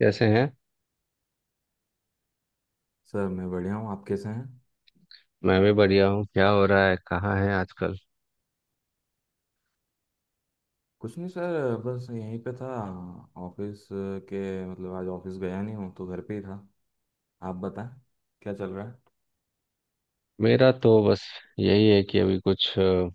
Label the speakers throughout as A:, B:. A: कैसे हैं?
B: सर मैं बढ़िया हूँ। आप कैसे हैं?
A: मैं भी बढ़िया हूँ। क्या हो रहा है? कहाँ है आजकल?
B: कुछ नहीं सर, बस यहीं पे था, ऑफिस के, मतलब आज ऑफिस गया नहीं हूँ तो घर पे ही था। आप बताएं, क्या चल रहा है?
A: मेरा तो बस यही है कि अभी कुछ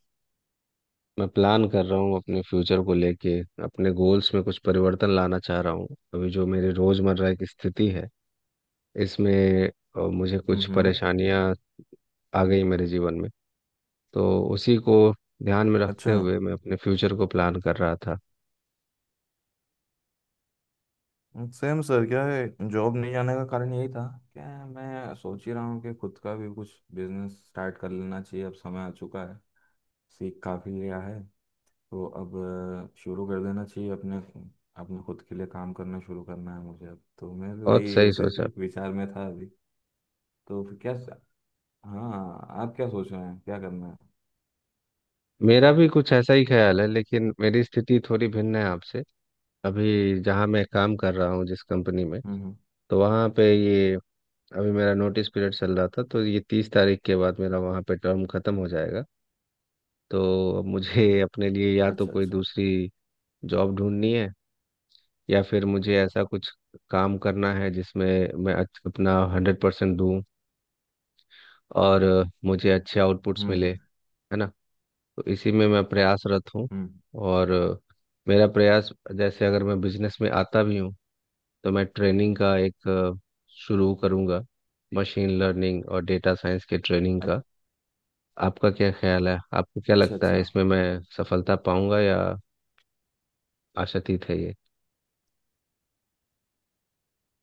A: मैं प्लान कर रहा हूँ अपने फ्यूचर को लेके। अपने गोल्स में कुछ परिवर्तन लाना चाह रहा हूँ। अभी जो मेरी रोजमर्रा की स्थिति है इसमें मुझे कुछ
B: हम्म।
A: परेशानियाँ आ गई मेरे जीवन में। तो उसी को ध्यान में रखते
B: अच्छा।
A: हुए मैं अपने फ्यूचर को प्लान कर रहा था।
B: सेम सर, क्या है जॉब नहीं जाने का कारण यही था, क्या है, मैं सोच ही रहा हूँ कि खुद का भी कुछ बिजनेस स्टार्ट कर लेना चाहिए। अब समय आ चुका है, सीख काफ़ी लिया है, तो अब शुरू कर देना चाहिए अपने अपने खुद के लिए काम करना शुरू करना है मुझे। अब तो मैं भी
A: बहुत
B: वही
A: सही
B: उसी
A: सोचा।
B: विचार में था अभी। तो फिर क्या, हाँ, आप क्या सोच रहे हैं, क्या करना है?
A: मेरा भी कुछ ऐसा ही ख्याल है, लेकिन मेरी स्थिति थोड़ी भिन्न है आपसे। अभी जहाँ मैं काम कर रहा हूँ, जिस कंपनी में,
B: हम्म। हम्म।
A: तो वहाँ पे ये अभी मेरा नोटिस पीरियड चल रहा था, तो ये 30 तारीख के बाद मेरा वहाँ पे टर्म खत्म हो जाएगा। तो अब मुझे अपने लिए या तो
B: अच्छा।
A: कोई
B: अच्छा।
A: दूसरी जॉब ढूंढनी है, या फिर मुझे ऐसा कुछ काम करना है जिसमें मैं अपना 100% दूँ और मुझे अच्छे आउटपुट्स
B: हम्म।
A: मिले।
B: हम्म।
A: है ना। तो इसी में मैं प्रयासरत हूँ।
B: हम्म।
A: और मेरा प्रयास, जैसे अगर मैं बिजनेस में आता भी हूँ, तो मैं ट्रेनिंग का एक शुरू करूंगा, मशीन लर्निंग और डेटा साइंस के ट्रेनिंग
B: अच-
A: का। आपका क्या ख्याल है? आपको क्या
B: अच्छा।
A: लगता
B: अच्छा।
A: है, इसमें मैं सफलता पाऊंगा या आशातीत है ये?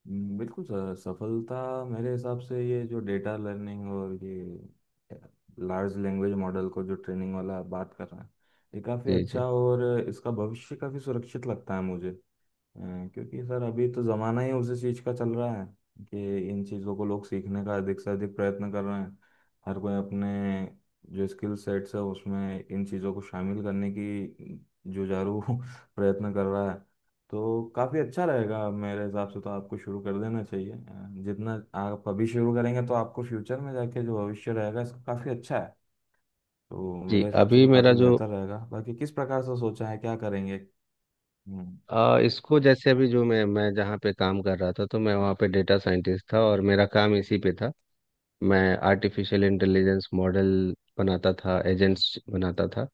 B: बिल्कुल सर। सफलता मेरे हिसाब से ये जो डेटा लर्निंग और ये लार्ज लैंग्वेज मॉडल को जो ट्रेनिंग वाला आप बात कर रहे हैं, ये काफ़ी
A: जी। जी।
B: अच्छा और इसका भविष्य काफ़ी सुरक्षित लगता है मुझे। अ, क्योंकि सर अभी तो ज़माना ही उसी चीज़ का चल रहा है कि इन चीज़ों को लोग सीखने का अधिक से अधिक प्रयत्न कर रहे हैं। हर कोई अपने जो स्किल सेट्स है उसमें इन चीज़ों को शामिल करने की जुझारू प्रयत्न कर रहा है। तो काफ़ी अच्छा रहेगा मेरे हिसाब से, तो आपको शुरू कर देना चाहिए। जितना आप अभी शुरू करेंगे तो आपको फ्यूचर में जाके जो भविष्य रहेगा इसका काफ़ी अच्छा है। तो
A: जी
B: मेरे हिसाब से
A: अभी
B: तो
A: मेरा
B: काफ़ी
A: जो
B: बेहतर रहेगा। बाकी किस प्रकार से सोचा है, क्या करेंगे? हम्म।
A: इसको, जैसे अभी जो मैं जहाँ पे काम कर रहा था, तो मैं वहाँ पे डेटा साइंटिस्ट था और मेरा काम इसी पे था। मैं आर्टिफिशियल इंटेलिजेंस मॉडल बनाता था, एजेंट्स बनाता था,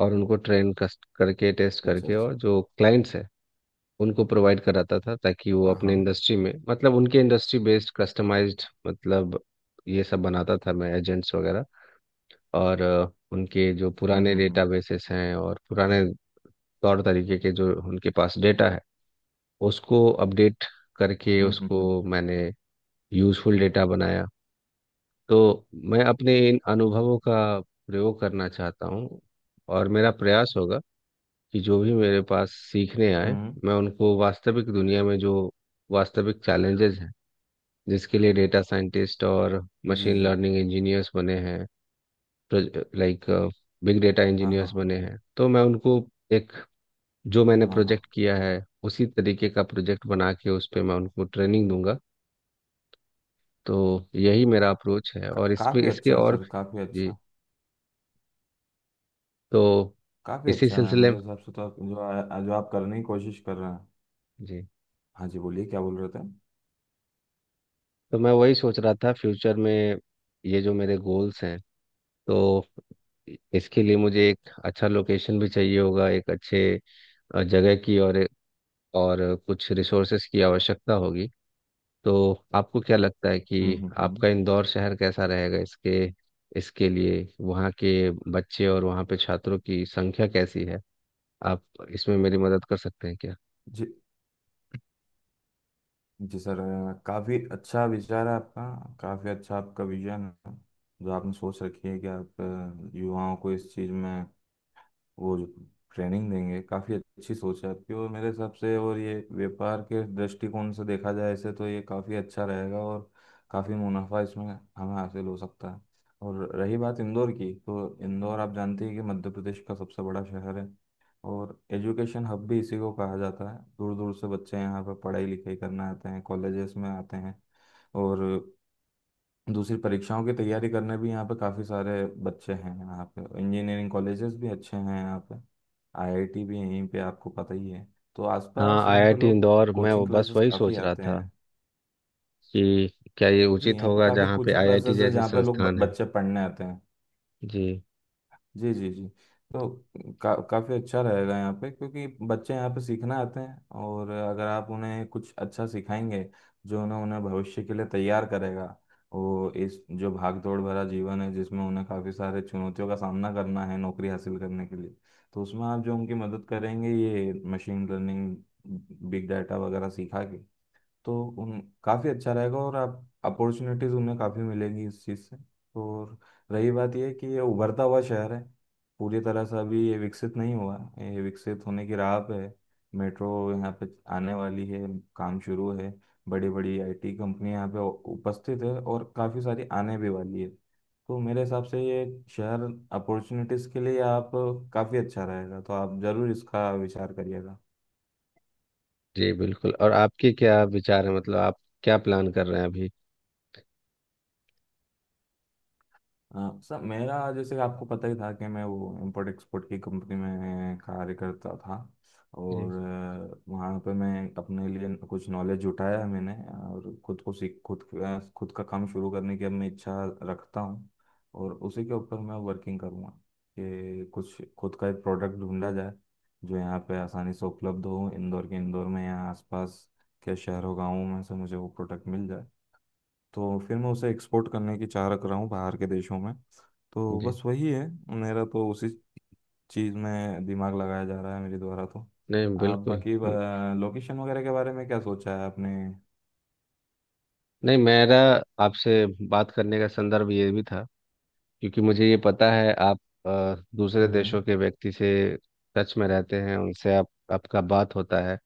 A: और उनको ट्रेन करके टेस्ट
B: अच्छा।
A: करके,
B: अच्छा।
A: और जो क्लाइंट्स है उनको प्रोवाइड कराता था ताकि वो
B: हाँ,
A: अपने
B: हाँ।
A: इंडस्ट्री में, मतलब उनके इंडस्ट्री बेस्ड कस्टमाइज्ड, मतलब ये सब बनाता था मैं, एजेंट्स वगैरह। और उनके जो
B: हम्म।
A: पुराने
B: हम्म।
A: डेटाबेसेस हैं और पुराने तौर तरीके के जो उनके पास डेटा है, उसको अपडेट करके
B: हम्म। हम्म।
A: उसको
B: हम्म।
A: मैंने यूजफुल डेटा बनाया। तो मैं अपने इन अनुभवों का प्रयोग करना चाहता हूँ। और मेरा प्रयास होगा कि जो भी मेरे पास सीखने आए,
B: हम्म।
A: मैं उनको वास्तविक दुनिया में, जो वास्तविक चैलेंजेस हैं जिसके लिए डेटा साइंटिस्ट और
B: जी,
A: मशीन
B: जी।
A: लर्निंग इंजीनियर्स बने हैं, लाइक बिग डेटा
B: हाँ, हाँ,
A: इंजीनियर्स
B: हाँ।
A: बने हैं, तो मैं उनको एक, जो मैंने
B: हाँ, हाँ।
A: प्रोजेक्ट किया है उसी तरीके का प्रोजेक्ट बना के उस पे मैं उनको ट्रेनिंग दूंगा। तो यही मेरा अप्रोच है, और इसमें
B: काफी
A: इसके
B: अच्छा है सर, काफी
A: जी।
B: अच्छा।
A: तो
B: काफी
A: इसी
B: अच्छा है
A: सिलसिले
B: मेरे
A: में,
B: हिसाब से, तो आप जो जो आप करने की कोशिश कर रहे हैं।
A: जी,
B: हाँ जी, बोलिए, क्या बोल रहे थे?
A: तो मैं वही सोच रहा था फ्यूचर में। ये जो मेरे गोल्स हैं, तो इसके लिए मुझे एक अच्छा लोकेशन भी चाहिए होगा, एक अच्छे जगह की, और कुछ रिसोर्सेस की आवश्यकता होगी। तो आपको क्या लगता है
B: हम्म।
A: कि
B: हम्म।
A: आपका इंदौर शहर कैसा रहेगा इसके? इसके लिए वहाँ के बच्चे और वहाँ पे छात्रों की संख्या कैसी है? आप इसमें मेरी मदद कर सकते हैं क्या?
B: जी जी सर। काफी अच्छा विचार है आपका। काफी अच्छा आपका विजन है जो आपने सोच रखी है कि आप युवाओं को इस चीज में वो जो ट्रेनिंग देंगे। काफ़ी अच्छी सोच है आपकी और मेरे हिसाब से, और ये व्यापार के दृष्टिकोण से देखा जाए इसे, तो ये काफ़ी अच्छा रहेगा और काफ़ी मुनाफा इसमें हमें हासिल हो सकता है। और रही बात इंदौर की, तो इंदौर आप जानते हैं कि मध्य प्रदेश का सबसे बड़ा शहर है। और एजुकेशन हब भी इसी को कहा जाता है। दूर दूर से बच्चे यहाँ पर पढ़ाई लिखाई करने आते हैं, कॉलेजेस में आते हैं। और दूसरी परीक्षाओं की तैयारी करने भी यहाँ पे काफ़ी सारे बच्चे हैं। यहाँ पे इंजीनियरिंग कॉलेजेस भी अच्छे हैं। यहाँ पे आईआईटी भी यहीं पे, आपको पता ही है। तो
A: हाँ,
B: आसपास यहाँ पे
A: आईआईटी
B: लोग
A: इंदौर, मैं वो
B: कोचिंग
A: बस
B: क्लासेस
A: वही
B: काफ़ी
A: सोच रहा
B: आते
A: था
B: हैं।
A: कि क्या ये
B: जी,
A: उचित
B: यहाँ पे
A: होगा
B: काफ़ी
A: जहाँ पे
B: कोचिंग
A: आईआईटी
B: क्लासेस है
A: जैसे
B: जहाँ पे लोग
A: संस्थान है।
B: बच्चे पढ़ने आते हैं।
A: जी।
B: जी, जी, जी। तो काफ़ी अच्छा रहेगा यहाँ पे क्योंकि बच्चे यहाँ पे सीखना आते हैं, और अगर आप उन्हें कुछ अच्छा सिखाएंगे जो उन्हें उन्हें भविष्य के लिए तैयार करेगा, वो इस जो भाग दौड़ भरा जीवन है जिसमें उन्हें काफ़ी सारे चुनौतियों का सामना करना है नौकरी हासिल करने के लिए, तो उसमें आप जो उनकी मदद करेंगे ये मशीन लर्निंग, बिग डाटा वगैरह सीखा के, तो उन काफ़ी अच्छा रहेगा और आप अपॉर्चुनिटीज़ उन्हें काफ़ी मिलेंगी इस चीज़ से। और रही बात यह कि ये उभरता हुआ शहर है, पूरी तरह से अभी ये विकसित नहीं हुआ है, ये विकसित होने की राह पे है। मेट्रो यहाँ पे आने वाली है, काम शुरू है। बड़ी बड़ी आईटी कंपनियां यहाँ पे उपस्थित है और काफ़ी सारी आने भी वाली है। तो मेरे हिसाब से ये शहर अपॉर्चुनिटीज़ के लिए आप काफ़ी अच्छा रहेगा, तो आप ज़रूर इसका विचार करिएगा।
A: जी बिल्कुल। और आपके क्या विचार है, मतलब आप क्या प्लान कर रहे हैं अभी?
B: हाँ सर, मेरा जैसे आपको पता ही था कि मैं वो इम्पोर्ट एक्सपोर्ट की कंपनी में कार्य करता था,
A: जी।
B: और वहाँ पे मैं अपने लिए कुछ नॉलेज जुटाया मैंने, और खुद को सीख खुद अ, खुद का काम शुरू करने की अब मैं इच्छा रखता हूँ। और उसी के ऊपर मैं वर्किंग करूँगा कि कुछ खुद का एक प्रोडक्ट ढूंढा जाए जो यहाँ पे आसानी से उपलब्ध हो, इंदौर में या आसपास के शहरों गाँवों में से मुझे वो प्रोडक्ट मिल जाए, तो फिर मैं उसे एक्सपोर्ट करने की चाह रख रहा हूँ बाहर के देशों में। तो
A: जी।
B: बस वही है, मेरा तो उसी चीज़ में दिमाग लगाया जा रहा है मेरे द्वारा तो।
A: नहीं
B: आप
A: बिल्कुल।
B: बाकी लोकेशन वगैरह के बारे में क्या सोचा है आपने?
A: नहीं मेरा, आपसे बात करने का संदर्भ ये भी था क्योंकि मुझे ये पता है, आप दूसरे
B: हम्म।
A: देशों
B: हम्म।
A: के व्यक्ति से टच में रहते हैं, उनसे आप आपका बात होता है।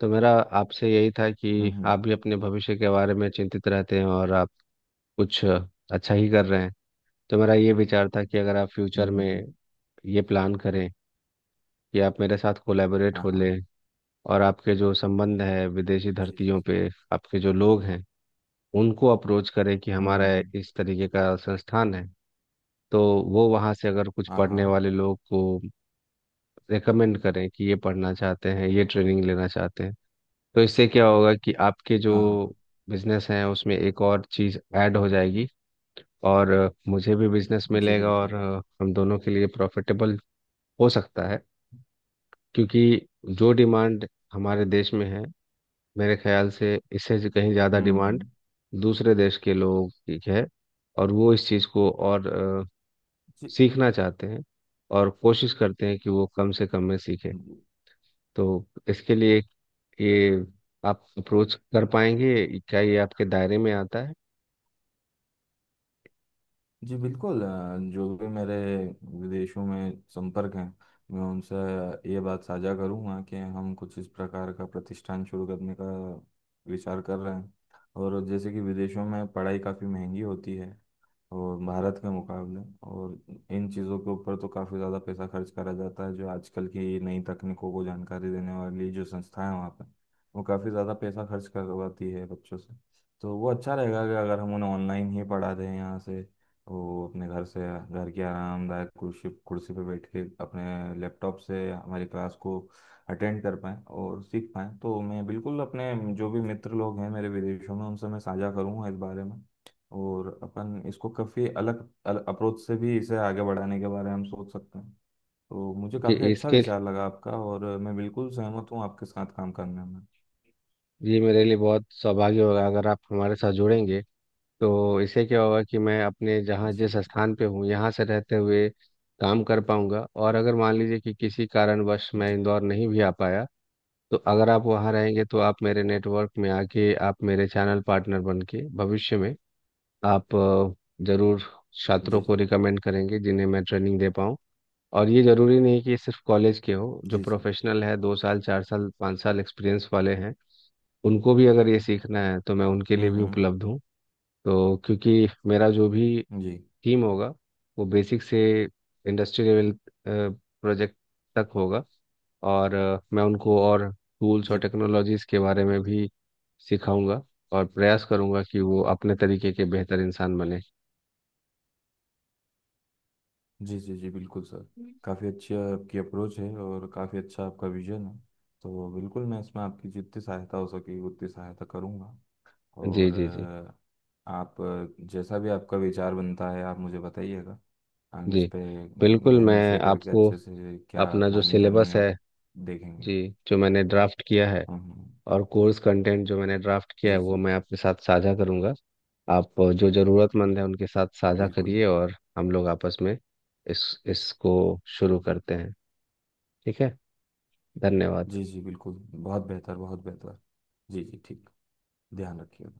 A: तो मेरा आपसे यही था कि
B: हम्म।
A: आप भी अपने भविष्य के बारे में चिंतित रहते हैं, और आप कुछ अच्छा ही कर रहे हैं। तो मेरा ये विचार था कि अगर आप
B: हम्म।
A: फ्यूचर
B: हम्म।
A: में
B: हम्म।
A: ये प्लान करें कि आप मेरे साथ कोलैबोरेट
B: हाँ,
A: हो
B: हाँ।
A: लें, और आपके जो संबंध है विदेशी
B: जी, जी,
A: धरतियों
B: जी।
A: पे, आपके जो लोग हैं, उनको अप्रोच करें कि
B: हम्म। हम्म।
A: हमारा
B: हम्म।
A: इस तरीके का संस्थान है, तो वो वहाँ से अगर कुछ
B: हाँ, हाँ,
A: पढ़ने वाले लोग को रेकमेंड करें कि ये पढ़ना चाहते हैं, ये ट्रेनिंग लेना चाहते हैं, तो इससे क्या होगा कि आपके जो
B: हाँ। हाँ, हाँ।
A: बिजनेस हैं उसमें एक और चीज़ ऐड हो जाएगी, और मुझे भी बिजनेस
B: जी,
A: मिलेगा, और
B: बिल्कुल।
A: हम दोनों के लिए प्रॉफिटेबल हो सकता है। क्योंकि जो डिमांड हमारे देश में है, मेरे ख्याल से इससे कहीं ज़्यादा
B: हम्म।
A: डिमांड
B: हम्म।
A: दूसरे देश के लोग, ठीक है, और वो इस चीज़ को और अ, सीखना चाहते हैं, और कोशिश करते हैं कि वो कम से कम में सीखे।
B: जी,
A: तो इसके लिए ये आप अप्रोच कर पाएंगे क्या? ये आपके दायरे में आता है?
B: जी, बिल्कुल। जो भी मेरे विदेशों में संपर्क हैं, मैं उनसे ये बात साझा करूंगा कि हम कुछ इस प्रकार का प्रतिष्ठान शुरू करने का विचार कर रहे हैं। और जैसे कि विदेशों में पढ़ाई काफ़ी महंगी होती है, और भारत के मुकाबले, और इन चीज़ों के ऊपर तो काफ़ी ज़्यादा पैसा खर्च करा जाता है, जो आजकल की नई तकनीकों को जानकारी देने वाली जो संस्थाएं हैं वहाँ पर, वो काफ़ी ज़्यादा पैसा खर्च करवाती है बच्चों से। तो वो अच्छा रहेगा कि अगर हम उन्हें ऑनलाइन ही पढ़ा दें यहाँ से, वो अपने घर से, घर की आरामदायक कुर्सी कुर्सी पे बैठ के अपने लैपटॉप से हमारी क्लास को अटेंड कर पाएँ और सीख पाएँ, तो मैं बिल्कुल अपने जो भी मित्र लोग हैं मेरे विदेशों में उनसे मैं साझा करूँगा इस बारे में। और अपन इसको काफ़ी अलग अप्रोच से भी इसे आगे बढ़ाने के बारे में हम सोच सकते हैं। तो मुझे
A: कि
B: काफ़ी अच्छा
A: इसके,
B: विचार लगा आपका, और मैं बिल्कुल सहमत हूँ आपके साथ काम करने में।
A: ये मेरे लिए बहुत सौभाग्य होगा अगर आप हमारे साथ जुड़ेंगे। तो इससे क्या होगा कि मैं अपने जहाँ
B: जी,
A: जिस स्थान पे हूँ यहाँ से रहते हुए काम कर पाऊंगा, और अगर मान लीजिए कि किसी कारणवश मैं
B: जी,
A: इंदौर नहीं भी आ पाया, तो अगर आप वहाँ रहेंगे तो आप मेरे नेटवर्क में आके आप मेरे चैनल पार्टनर बन के भविष्य में आप जरूर छात्रों
B: जी।
A: को
B: जी,
A: रिकमेंड करेंगे, जिन्हें मैं ट्रेनिंग दे पाऊँ। और ये जरूरी नहीं कि सिर्फ कॉलेज के हो, जो
B: जी, जी।
A: प्रोफेशनल है, 2 साल 4 साल 5 साल एक्सपीरियंस वाले हैं, उनको भी अगर ये सीखना है तो मैं उनके लिए
B: हम्म,
A: भी उपलब्ध हूँ। तो क्योंकि मेरा जो भी
B: जी
A: टीम होगा, वो बेसिक से इंडस्ट्री लेवल प्रोजेक्ट तक होगा, और मैं उनको और टूल्स और
B: जी
A: टेक्नोलॉजीज के बारे में भी सिखाऊंगा, और प्रयास करूंगा कि वो अपने तरीके के बेहतर इंसान बने।
B: जी। जी जी बिल्कुल सर, काफ़ी अच्छी आपकी अप्रोच है और काफ़ी अच्छा आपका विजन है। तो बिल्कुल मैं इसमें आपकी जितनी सहायता हो सके उतनी सहायता करूँगा।
A: जी
B: और
A: जी जी।
B: आप जैसा भी आपका विचार बनता है आप मुझे बताइएगा। हम
A: जी
B: इस पे
A: बिल्कुल।
B: गहन
A: मैं
B: विषय करके
A: आपको
B: अच्छे से क्या
A: अपना जो
B: प्लानिंग करनी
A: सिलेबस
B: है
A: है,
B: देखेंगे।
A: जी, जो मैंने ड्राफ्ट किया है
B: हम्म,
A: और कोर्स कंटेंट जो मैंने ड्राफ्ट किया है,
B: जी
A: वो
B: जी
A: मैं आपके साथ साझा करूंगा। आप जो ज़रूरतमंद है उनके साथ साझा
B: बिल्कुल।
A: करिए, और हम लोग आपस में इस इसको शुरू करते हैं। ठीक है। धन्यवाद।
B: जी जी बिल्कुल, बहुत बेहतर, बहुत बेहतर। जी, जी, ठीक। ध्यान रखिए।